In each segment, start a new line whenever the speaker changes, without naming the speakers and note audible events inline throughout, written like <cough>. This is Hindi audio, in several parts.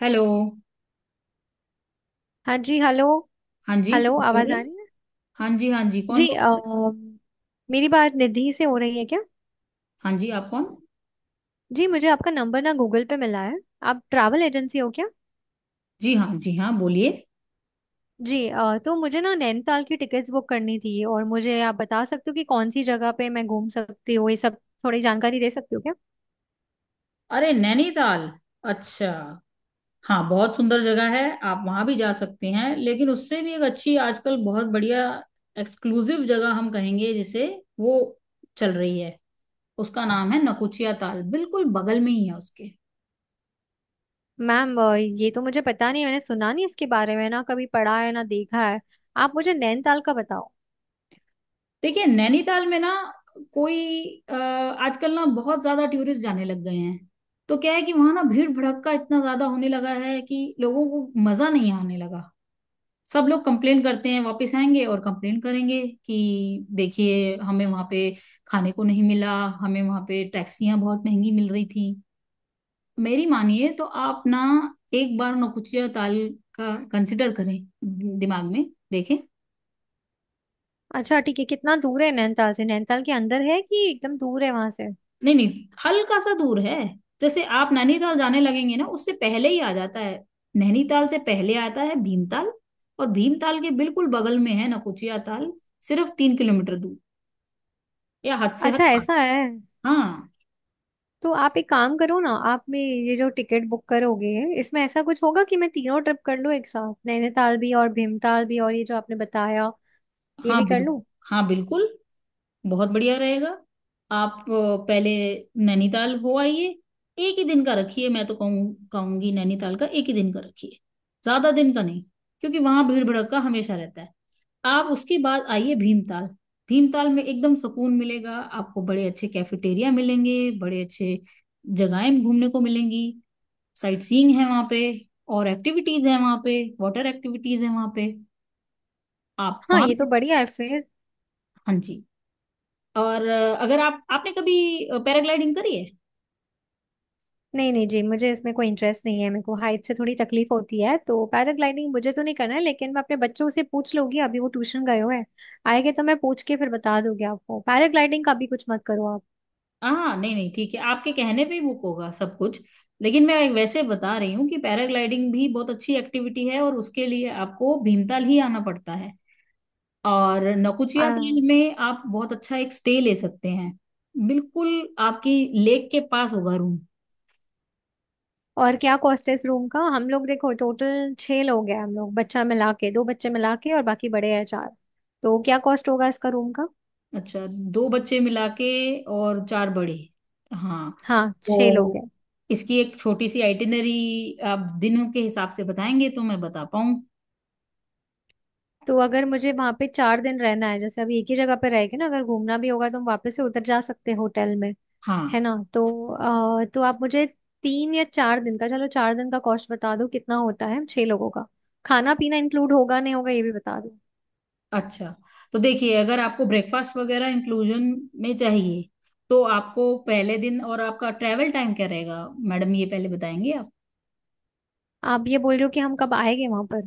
हेलो।
हाँ जी हेलो।
हाँ जी,
हेलो,
कौन बोल
आवाज
रहे
आ
हैं?
रही है।
हाँ जी हाँ जी, कौन
जी
बोल रहे हैं?
मेरी बात निधि से हो रही है क्या।
हाँ जी, आप कौन।
जी मुझे आपका नंबर ना गूगल पे मिला है। आप ट्रैवल एजेंसी हो क्या।
जी हाँ जी हाँ, बोलिए।
जी तो मुझे ना नैनीताल की टिकट्स बुक करनी थी, और मुझे आप बता सकते हो कि कौन सी जगह पे मैं घूम सकती हूँ, ये सब थोड़ी जानकारी दे सकती हो क्या।
अरे, नैनीताल? अच्छा। हाँ, बहुत सुंदर जगह है। आप वहां भी जा सकते हैं, लेकिन उससे भी एक अच्छी, आजकल बहुत बढ़िया एक्सक्लूसिव जगह हम कहेंगे जिसे, वो चल रही है। उसका नाम है नकुचिया ताल, बिल्कुल बगल में ही है उसके।
मैम ये तो मुझे पता नहीं, मैंने सुना नहीं इसके बारे में, ना कभी पढ़ा है ना देखा है। आप मुझे नैनीताल का बताओ।
देखिए, नैनीताल में ना कोई आजकल ना बहुत ज्यादा टूरिस्ट जाने लग गए हैं। तो क्या है कि वहां ना भीड़ भड़क्का इतना ज्यादा होने लगा है कि लोगों को मजा नहीं आने लगा। सब लोग कंप्लेन करते हैं, वापस आएंगे और कंप्लेन करेंगे कि देखिए, हमें वहां पे खाने को नहीं मिला, हमें वहां पे टैक्सियां बहुत महंगी मिल रही थी। मेरी मानिए तो आप ना एक बार नौकुचिया ताल का कंसिडर करें, दिमाग में देखें।
अच्छा ठीक है, कितना दूर है नैनीताल से, नैनीताल के अंदर है कि एकदम दूर है वहां से।
नहीं नहीं, हल्का सा दूर है। जैसे आप नैनीताल जाने लगेंगे ना, उससे पहले ही आ जाता है। नैनीताल से पहले आता है भीमताल, और भीमताल के बिल्कुल बगल में है नकुचिया ताल, सिर्फ 3 किलोमीटर दूर, या हद से हद
अच्छा
पाँच।
ऐसा है।
हाँ।
तो आप एक काम करो ना, आप में ये जो टिकट बुक करोगे, इसमें ऐसा कुछ होगा कि मैं तीनों ट्रिप कर लूँ एक साथ, नैनीताल भी और भीमताल भी और ये जो आपने बताया ये
हाँ
भी कर
बिल्कुल,
लूँ।
हाँ बिल्कुल, बहुत बढ़िया रहेगा। आप पहले नैनीताल हो आइए, एक ही दिन का रखिए। मैं तो कहूँ कहूंगी, नैनीताल का एक ही दिन का रखिए, ज्यादा दिन का नहीं, क्योंकि वहां भीड़ भड़क्का हमेशा रहता है। आप उसके बाद आइए भीमताल। भीमताल में एकदम सुकून मिलेगा। आपको बड़े अच्छे कैफेटेरिया मिलेंगे, बड़े अच्छे जगहें घूमने को मिलेंगी। साइट सीइंग है वहां पे, और एक्टिविटीज है वहां पे, वाटर एक्टिविटीज है वहां पे, आप
हाँ
वहां
ये तो
भी।
बढ़िया है फिर।
हाँ जी। और अगर आप आपने कभी पैराग्लाइडिंग करी है?
नहीं नहीं जी, मुझे इसमें कोई इंटरेस्ट नहीं है, मेरे को हाइट से थोड़ी तकलीफ होती है, तो पैराग्लाइडिंग मुझे तो नहीं करना है। लेकिन मैं अपने बच्चों से पूछ लूंगी, अभी वो ट्यूशन गए हुए हैं, आएंगे तो मैं पूछ के फिर बता दूंगी आपको। पैराग्लाइडिंग का भी कुछ मत करो आप।
हाँ नहीं नहीं, ठीक है, आपके कहने पे ही बुक होगा सब कुछ। लेकिन मैं वैसे बता रही हूँ कि पैराग्लाइडिंग भी बहुत अच्छी एक्टिविटी है और उसके लिए आपको भीमताल ही आना पड़ता है। और
आ,
नौकुचिया ताल में आप बहुत अच्छा एक स्टे ले सकते हैं, बिल्कुल आपकी लेक के पास होगा रूम।
और क्या कॉस्ट है इस रूम का। हम लोग देखो टोटल छह लोग हैं, हम लोग बच्चा मिला के, दो बच्चे मिला के, और बाकी बड़े हैं चार। तो क्या कॉस्ट होगा इसका रूम का।
अच्छा। दो बच्चे मिला के और चार बड़े। हाँ।
हाँ
तो
छह लोग हैं।
इसकी एक छोटी सी आइटिनरी, आप दिनों के हिसाब से बताएंगे तो मैं बता पाऊँ।
तो अगर मुझे वहां पे 4 दिन रहना है, जैसे अभी एक ही जगह पे रह के ना, अगर घूमना भी होगा तो हम वापस से उतर जा सकते हैं होटल में।
हाँ।
है ना। तो आप मुझे 3 या 4 दिन का, चलो 4 दिन का कॉस्ट बता दो, कितना होता है छह लोगों का। खाना पीना इंक्लूड होगा नहीं होगा ये भी बता दो।
अच्छा। तो देखिए, अगर आपको ब्रेकफास्ट वगैरह इंक्लूजन में चाहिए तो आपको पहले दिन, और आपका ट्रैवल टाइम क्या रहेगा मैडम, ये पहले बताएंगे आप।
आप ये बोल रहे हो कि हम कब आएंगे वहां पर।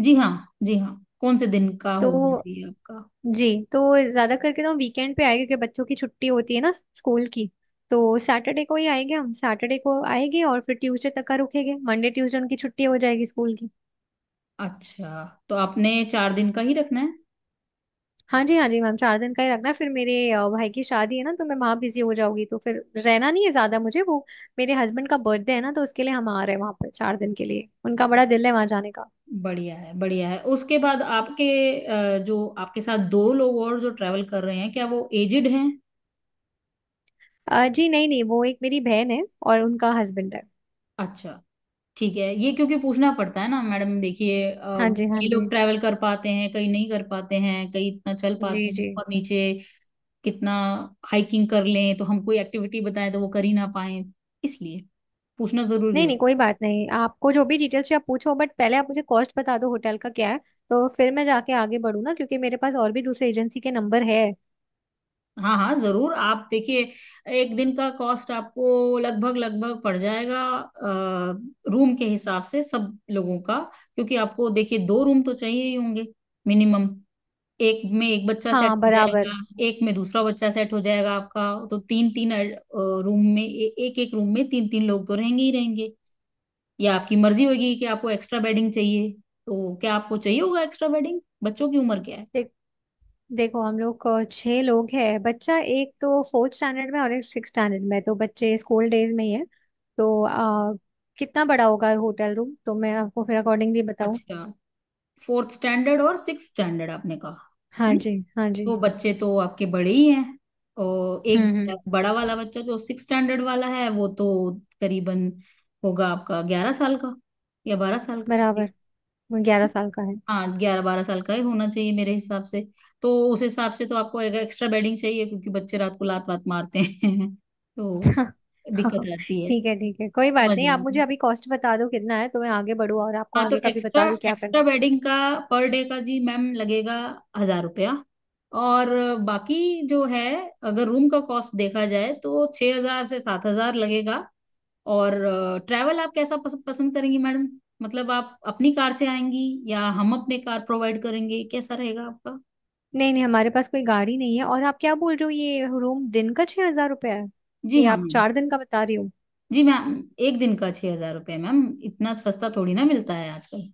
जी हाँ। जी हाँ। कौन से दिन का होना
तो
चाहिए आपका?
जी, तो ज्यादा करके ना वीकेंड पे आएगी, क्योंकि बच्चों की छुट्टी होती है ना स्कूल की। तो सैटरडे को ही आएंगे हम, सैटरडे को आएंगे और फिर ट्यूसडे तक का रुकेंगे, मंडे ट्यूसडे उनकी छुट्टी हो जाएगी स्कूल की।
अच्छा, तो आपने 4 दिन का ही रखना है।
हाँ जी हाँ जी मैम, 4 दिन का ही रखना। फिर मेरे भाई की शादी है ना, तो मैं वहाँ बिजी हो जाऊंगी, तो फिर रहना नहीं है ज्यादा मुझे वो। मेरे हस्बैंड का बर्थडे है ना, तो उसके लिए हम आ रहे हैं वहाँ पर 4 दिन के लिए, उनका बड़ा दिल है वहाँ जाने का।
बढ़िया है, बढ़िया है। उसके बाद आपके जो आपके साथ दो लोग और जो ट्रैवल कर रहे हैं, क्या वो एजिड हैं?
जी नहीं नहीं, वो एक मेरी बहन है और उनका हस्बैंड है।
अच्छा, ठीक है। ये क्योंकि पूछना पड़ता है ना मैडम, देखिए,
हाँ जी हाँ
कई
जी।
लोग ट्रैवल कर पाते हैं, कई नहीं कर पाते हैं, कई इतना चल
जी
पाते हैं
जी।
ऊपर नीचे, कितना हाइकिंग कर लें, तो हम कोई एक्टिविटी बताएं तो वो कर ही ना पाए, इसलिए पूछना जरूरी
नहीं नहीं
होता
कोई बात नहीं, आपको जो भी डिटेल्स चाहिए आप पूछो, बट पहले आप मुझे कॉस्ट बता दो होटल का क्या है, तो फिर मैं जाके आगे बढ़ू ना, क्योंकि मेरे पास और भी दूसरे एजेंसी के नंबर है।
है। हाँ हाँ, जरूर। आप देखिए, एक दिन का कॉस्ट आपको लगभग लगभग पड़ जाएगा रूम के हिसाब से सब लोगों का, क्योंकि आपको देखिए, दो रूम तो चाहिए ही होंगे मिनिमम। एक में एक बच्चा सेट
हाँ
हो जाएगा,
बराबर।
एक में दूसरा बच्चा सेट हो जाएगा आपका। तो तीन तीन रूम में एक एक रूम में तीन तीन लोग तो रहेंगे ही रहेंगे। या आपकी मर्जी होगी कि आपको एक्स्ट्रा बेडिंग चाहिए, तो क्या आपको चाहिए होगा एक्स्ट्रा बेडिंग? बच्चों की उम्र क्या है?
देख देखो हम लोग छह लोग हैं, बच्चा एक तो फोर्थ स्टैंडर्ड में और एक सिक्स स्टैंडर्ड में, तो बच्चे स्कूल डेज में ही है। तो कितना बड़ा होगा होटल रूम, तो मैं आपको फिर अकॉर्डिंगली बताऊँ।
अच्छा, फोर्थ स्टैंडर्ड और सिक्स स्टैंडर्ड आपने कहा, है
हाँ
ना?
जी हाँ जी।
तो बच्चे तो आपके बड़े ही हैं। और एक
हम्म।
बड़ा वाला बच्चा जो सिक्स स्टैंडर्ड वाला है, वो तो करीबन होगा आपका 11 साल का या 12 साल का।
बराबर। वो 11 साल का है।
हाँ, 11-12 साल का ही होना चाहिए मेरे हिसाब से। तो उस हिसाब से तो आपको एक एक्स्ट्रा बेडिंग चाहिए, क्योंकि बच्चे रात को लात वात मारते हैं <laughs> तो
<laughs> हाँ।
दिक्कत
हाँ,
रहती है,
ठीक है कोई बात
समझ
नहीं। आप
रहे
मुझे
हैं।
अभी कॉस्ट बता दो कितना है तो मैं आगे बढ़ूँ, और आपको
हाँ, तो
आगे का भी
एक्स्ट्रा
बता दूँ क्या
एक्स्ट्रा
करना है।
बेडिंग का पर डे का जी मैम लगेगा 1,000 रुपया। और बाकी जो है, अगर रूम का कॉस्ट देखा जाए तो 6,000 से 7,000 लगेगा। और ट्रैवल आप कैसा पसंद करेंगी मैडम? मतलब आप अपनी कार से आएंगी, या हम अपने कार प्रोवाइड करेंगे, कैसा रहेगा आपका?
नहीं नहीं हमारे पास कोई गाड़ी नहीं है। और आप क्या बोल रहे हो, ये रूम दिन का 6 हजार रुपया है
जी
कि
हाँ
आप
मैम।
4 दिन का बता रही हो।
जी मैम, एक दिन का 6,000 रुपये मैम, इतना सस्ता थोड़ी ना मिलता है आजकल।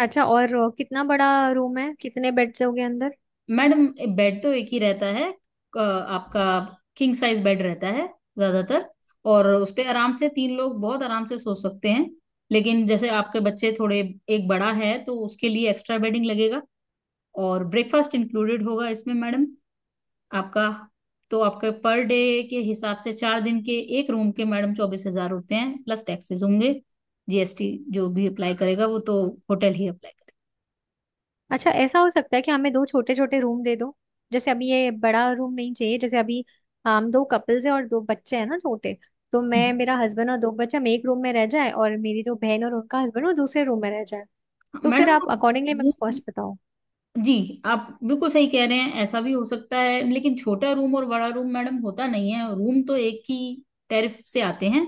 अच्छा और कितना बड़ा रूम है, कितने बेड्स होंगे अंदर।
मैडम, बेड तो एक ही रहता है आपका, किंग साइज बेड रहता है ज्यादातर, और उस पे आराम से तीन लोग बहुत आराम से सो सकते हैं। लेकिन जैसे आपके बच्चे थोड़े, एक बड़ा है, तो उसके लिए एक्स्ट्रा बेडिंग लगेगा। और ब्रेकफास्ट इंक्लूडेड होगा इसमें मैडम आपका। तो आपके पर डे के हिसाब से 4 दिन के एक रूम के मैडम 24,000 होते हैं, प्लस टैक्सेस होंगे। जीएसटी जो भी अप्लाई करेगा, वो तो होटल ही अप्लाई करेगा।
अच्छा ऐसा हो सकता है कि हमें दो छोटे छोटे रूम दे दो, जैसे अभी ये बड़ा रूम नहीं चाहिए। जैसे अभी हम दो कपल्स है और दो बच्चे हैं ना छोटे, तो मैं, मेरा हस्बैंड और दो बच्चे हम एक रूम में रह जाए, और मेरी जो बहन और उनका हस्बैंड वो दूसरे रूम में रह जाए।
हम्म।
तो फिर
मैडम,
आप अकॉर्डिंगली मेरे
वो
को कॉस्ट बताओ।
जी, आप बिल्कुल सही कह रहे हैं, ऐसा भी हो सकता है, लेकिन छोटा रूम और बड़ा रूम मैडम होता नहीं है, रूम तो एक ही टैरिफ से आते हैं।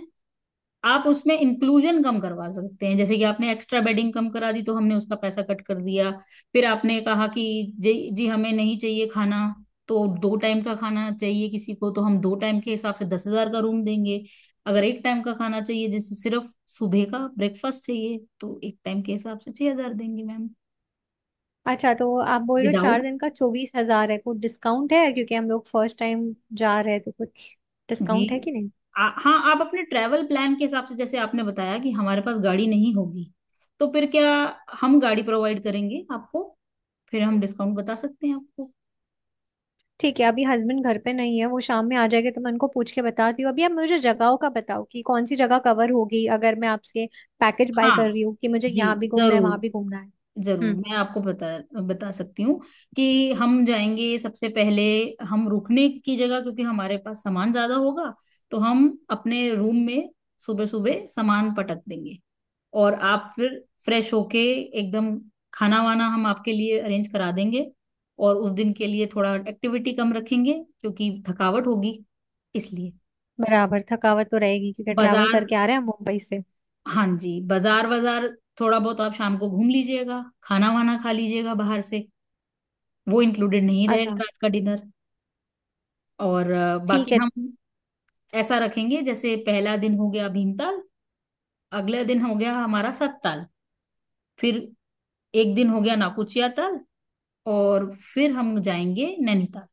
आप उसमें इंक्लूजन कम करवा सकते हैं, जैसे कि आपने एक्स्ट्रा बेडिंग कम करा दी तो हमने उसका पैसा कट कर दिया। फिर आपने कहा कि जी जी, हमें नहीं चाहिए खाना। तो दो टाइम का खाना चाहिए किसी को, तो हम दो टाइम के हिसाब से 10,000 का रूम देंगे। अगर एक टाइम का खाना चाहिए, जैसे सिर्फ सुबह का ब्रेकफास्ट चाहिए, तो एक टाइम के हिसाब से 6,000 देंगे मैम,
अच्छा तो आप बोल रहे हो
विदाउट।
चार दिन का 24 हजार है। कुछ डिस्काउंट है क्योंकि हम लोग फर्स्ट टाइम जा रहे हैं, तो कुछ
जी
डिस्काउंट है कि नहीं।
हाँ, आप अपने ट्रैवल प्लान के हिसाब से, जैसे आपने बताया कि हमारे पास गाड़ी नहीं होगी, तो फिर क्या, हम गाड़ी प्रोवाइड करेंगे आपको, फिर हम डिस्काउंट बता सकते हैं आपको।
ठीक है, अभी हस्बैंड घर पे नहीं है, वो शाम में आ जाएंगे तो मैं उनको पूछ के बताती हूँ। अभी आप मुझे जगहों का बताओ कि कौन सी जगह कवर होगी अगर मैं आपसे पैकेज बाय
हाँ
कर रही हूँ, कि मुझे
जी,
यहाँ भी घूमना है वहां
जरूर
भी घूमना है।
जरूर,
हम्म।
मैं आपको बता बता सकती हूँ कि हम जाएंगे सबसे पहले, हम रुकने की जगह, क्योंकि हमारे पास सामान ज्यादा होगा, तो हम अपने रूम में सुबह सुबह सामान पटक देंगे। और आप फिर फ्रेश होके एकदम, खाना वाना हम आपके लिए अरेंज करा देंगे। और उस दिन के लिए थोड़ा एक्टिविटी कम रखेंगे, क्योंकि थकावट होगी इसलिए।
बराबर थकावट तो रहेगी क्योंकि ट्रैवल
बाजार,
करके आ रहे हैं हम मुंबई से।
हाँ जी, बाजार बाजार थोड़ा बहुत आप शाम को घूम लीजिएगा, खाना वाना खा लीजिएगा बाहर से, वो इंक्लूडेड नहीं
अच्छा।
रहेगा रात का डिनर। और
ठीक
बाकी
है।
हम ऐसा रखेंगे, जैसे पहला दिन हो गया भीमताल, अगला दिन हो गया हमारा सतताल, फिर एक दिन हो गया नाकुचिया ताल, और फिर हम जाएंगे नैनीताल।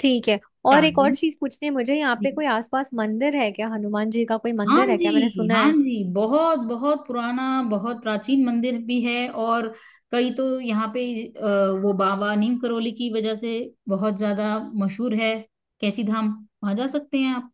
ठीक है। और
चार
एक और चीज पूछनी है मुझे, यहाँ पे
दिन
कोई आसपास मंदिर है क्या, हनुमान जी का कोई
हाँ
मंदिर है क्या, मैंने
जी
सुना
हाँ
है।
जी, बहुत बहुत पुराना, बहुत प्राचीन मंदिर भी है। और कई तो यहाँ पे वो बाबा नीम करोली की वजह से बहुत ज्यादा मशहूर है, कैची धाम, वहां जा सकते हैं आप,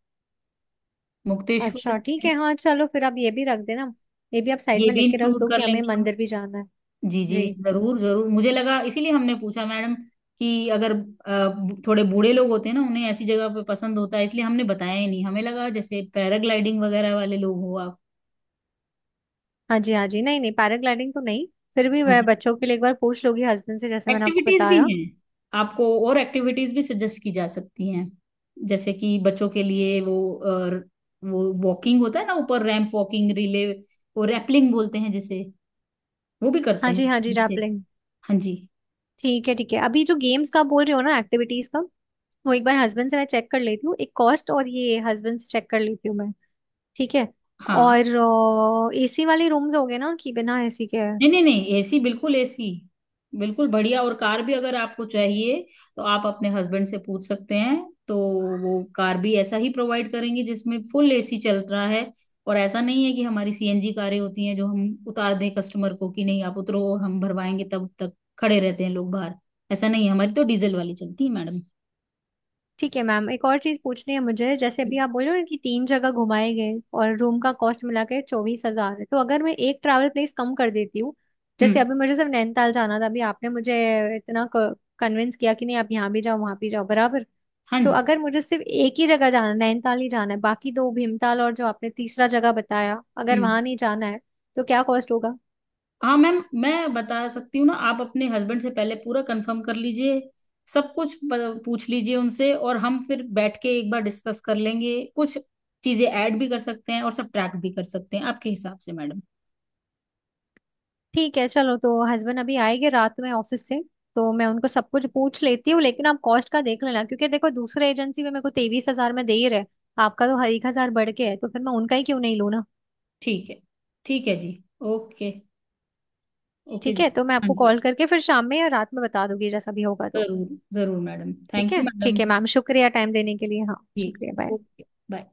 मुक्तेश्वर।
अच्छा ठीक
है,
है, हाँ चलो फिर आप ये भी रख देना, ये भी आप साइड
ये
में
भी
लिख के रख
इंक्लूड
दो
कर
कि हमें
लेंगे हम।
मंदिर भी जाना है।
जी जी,
जी।
जरूर जरूर, मुझे लगा इसीलिए हमने पूछा मैडम, कि अगर थोड़े बूढ़े लोग होते हैं ना, उन्हें ऐसी जगह पे पसंद होता है, इसलिए हमने बताया ही नहीं, हमें लगा जैसे पैराग्लाइडिंग वगैरह वाले लोग हो।
हाँ जी हाँ जी, नहीं नहीं पैराग्लाइडिंग तो नहीं। फिर भी
आप
मैं बच्चों के लिए एक बार पूछ लूंगी हस्बैंड से, जैसे मैंने आपको
एक्टिविटीज भी
बताया।
हैं, आपको और एक्टिविटीज भी सजेस्ट की जा सकती हैं, जैसे कि बच्चों के लिए वो वो वॉकिंग होता है ना ऊपर, रैंप वॉकिंग रिले, और रैपलिंग बोलते हैं जिसे, वो भी करते
हाँ
हैं
जी हाँ जी
बच्चे।
रैपलिंग।
हाँ जी।
ठीक है ठीक है। अभी जो गेम्स का बोल रहे हो ना, एक्टिविटीज का, वो एक बार हस्बैंड से मैं चेक कर लेती हूँ, एक कॉस्ट और ये हस्बैंड से चेक कर लेती हूँ मैं। ठीक है।
हाँ,
और एसी वाले रूम्स हो गए ना कि बिना एसी के।
नहीं नहीं नहीं, एसी, बिल्कुल एसी बिल्कुल बढ़िया। और कार भी अगर आपको चाहिए, तो आप अपने हस्बैंड से पूछ सकते हैं। तो वो कार भी ऐसा ही प्रोवाइड करेंगे, जिसमें फुल एसी चल रहा है। और ऐसा नहीं है कि हमारी सीएनजी कारें होती हैं, जो हम उतार दें कस्टमर को कि नहीं आप उतरो और हम भरवाएंगे, तब तक खड़े रहते हैं लोग बाहर। ऐसा नहीं है, हमारी तो डीजल वाली चलती है मैडम।
ठीक है मैम, एक और चीज पूछनी है मुझे, जैसे अभी आप बोल रहे हो ना कि तीन जगह घुमाए गए और रूम का कॉस्ट मिला के 24 हजार है, तो अगर मैं एक ट्रैवल प्लेस कम कर देती हूँ,
हम्म।
जैसे अभी मुझे सिर्फ नैनीताल जाना था, अभी आपने मुझे इतना कन्विंस किया कि नहीं आप यहाँ भी जाओ वहां भी जाओ, बराबर।
हाँ
तो
जी।
अगर मुझे सिर्फ एक ही जगह जाना है, नैनीताल ही जाना है, बाकी दो भीमताल और जो आपने तीसरा जगह बताया अगर
हम्म।
वहां नहीं जाना है, तो क्या कॉस्ट होगा?
हाँ मैम, मैं बता सकती हूँ ना, आप अपने हस्बैंड से पहले पूरा कंफर्म कर लीजिए, सब कुछ पूछ लीजिए उनसे, और हम फिर बैठ के एक बार डिस्कस कर लेंगे, कुछ चीजें ऐड भी कर सकते हैं और सब ट्रैक भी कर सकते हैं आपके हिसाब से मैडम।
ठीक है चलो, तो हस्बैंड अभी आएंगे रात में ऑफिस से, तो मैं उनको सब कुछ पूछ लेती हूँ। लेकिन आप कॉस्ट का देख लेना, क्योंकि देखो दूसरे एजेंसी में मेरे को 23 हजार में दे ही रहे, आपका तो हर 1 हजार बढ़ के है, तो फिर मैं उनका ही क्यों नहीं लूँ ना।
ठीक है, ठीक है जी, ओके, ओके
ठीक
जी।
है, तो मैं
हाँ
आपको
जी,
कॉल करके फिर शाम में या रात में बता दूंगी जैसा भी होगा तो।
जरूर जरूर मैडम, थैंक यू मैडम।
ठीक है मैम, शुक्रिया टाइम देने के लिए, हाँ
जी,
शुक्रिया बाय।
Okay, bye.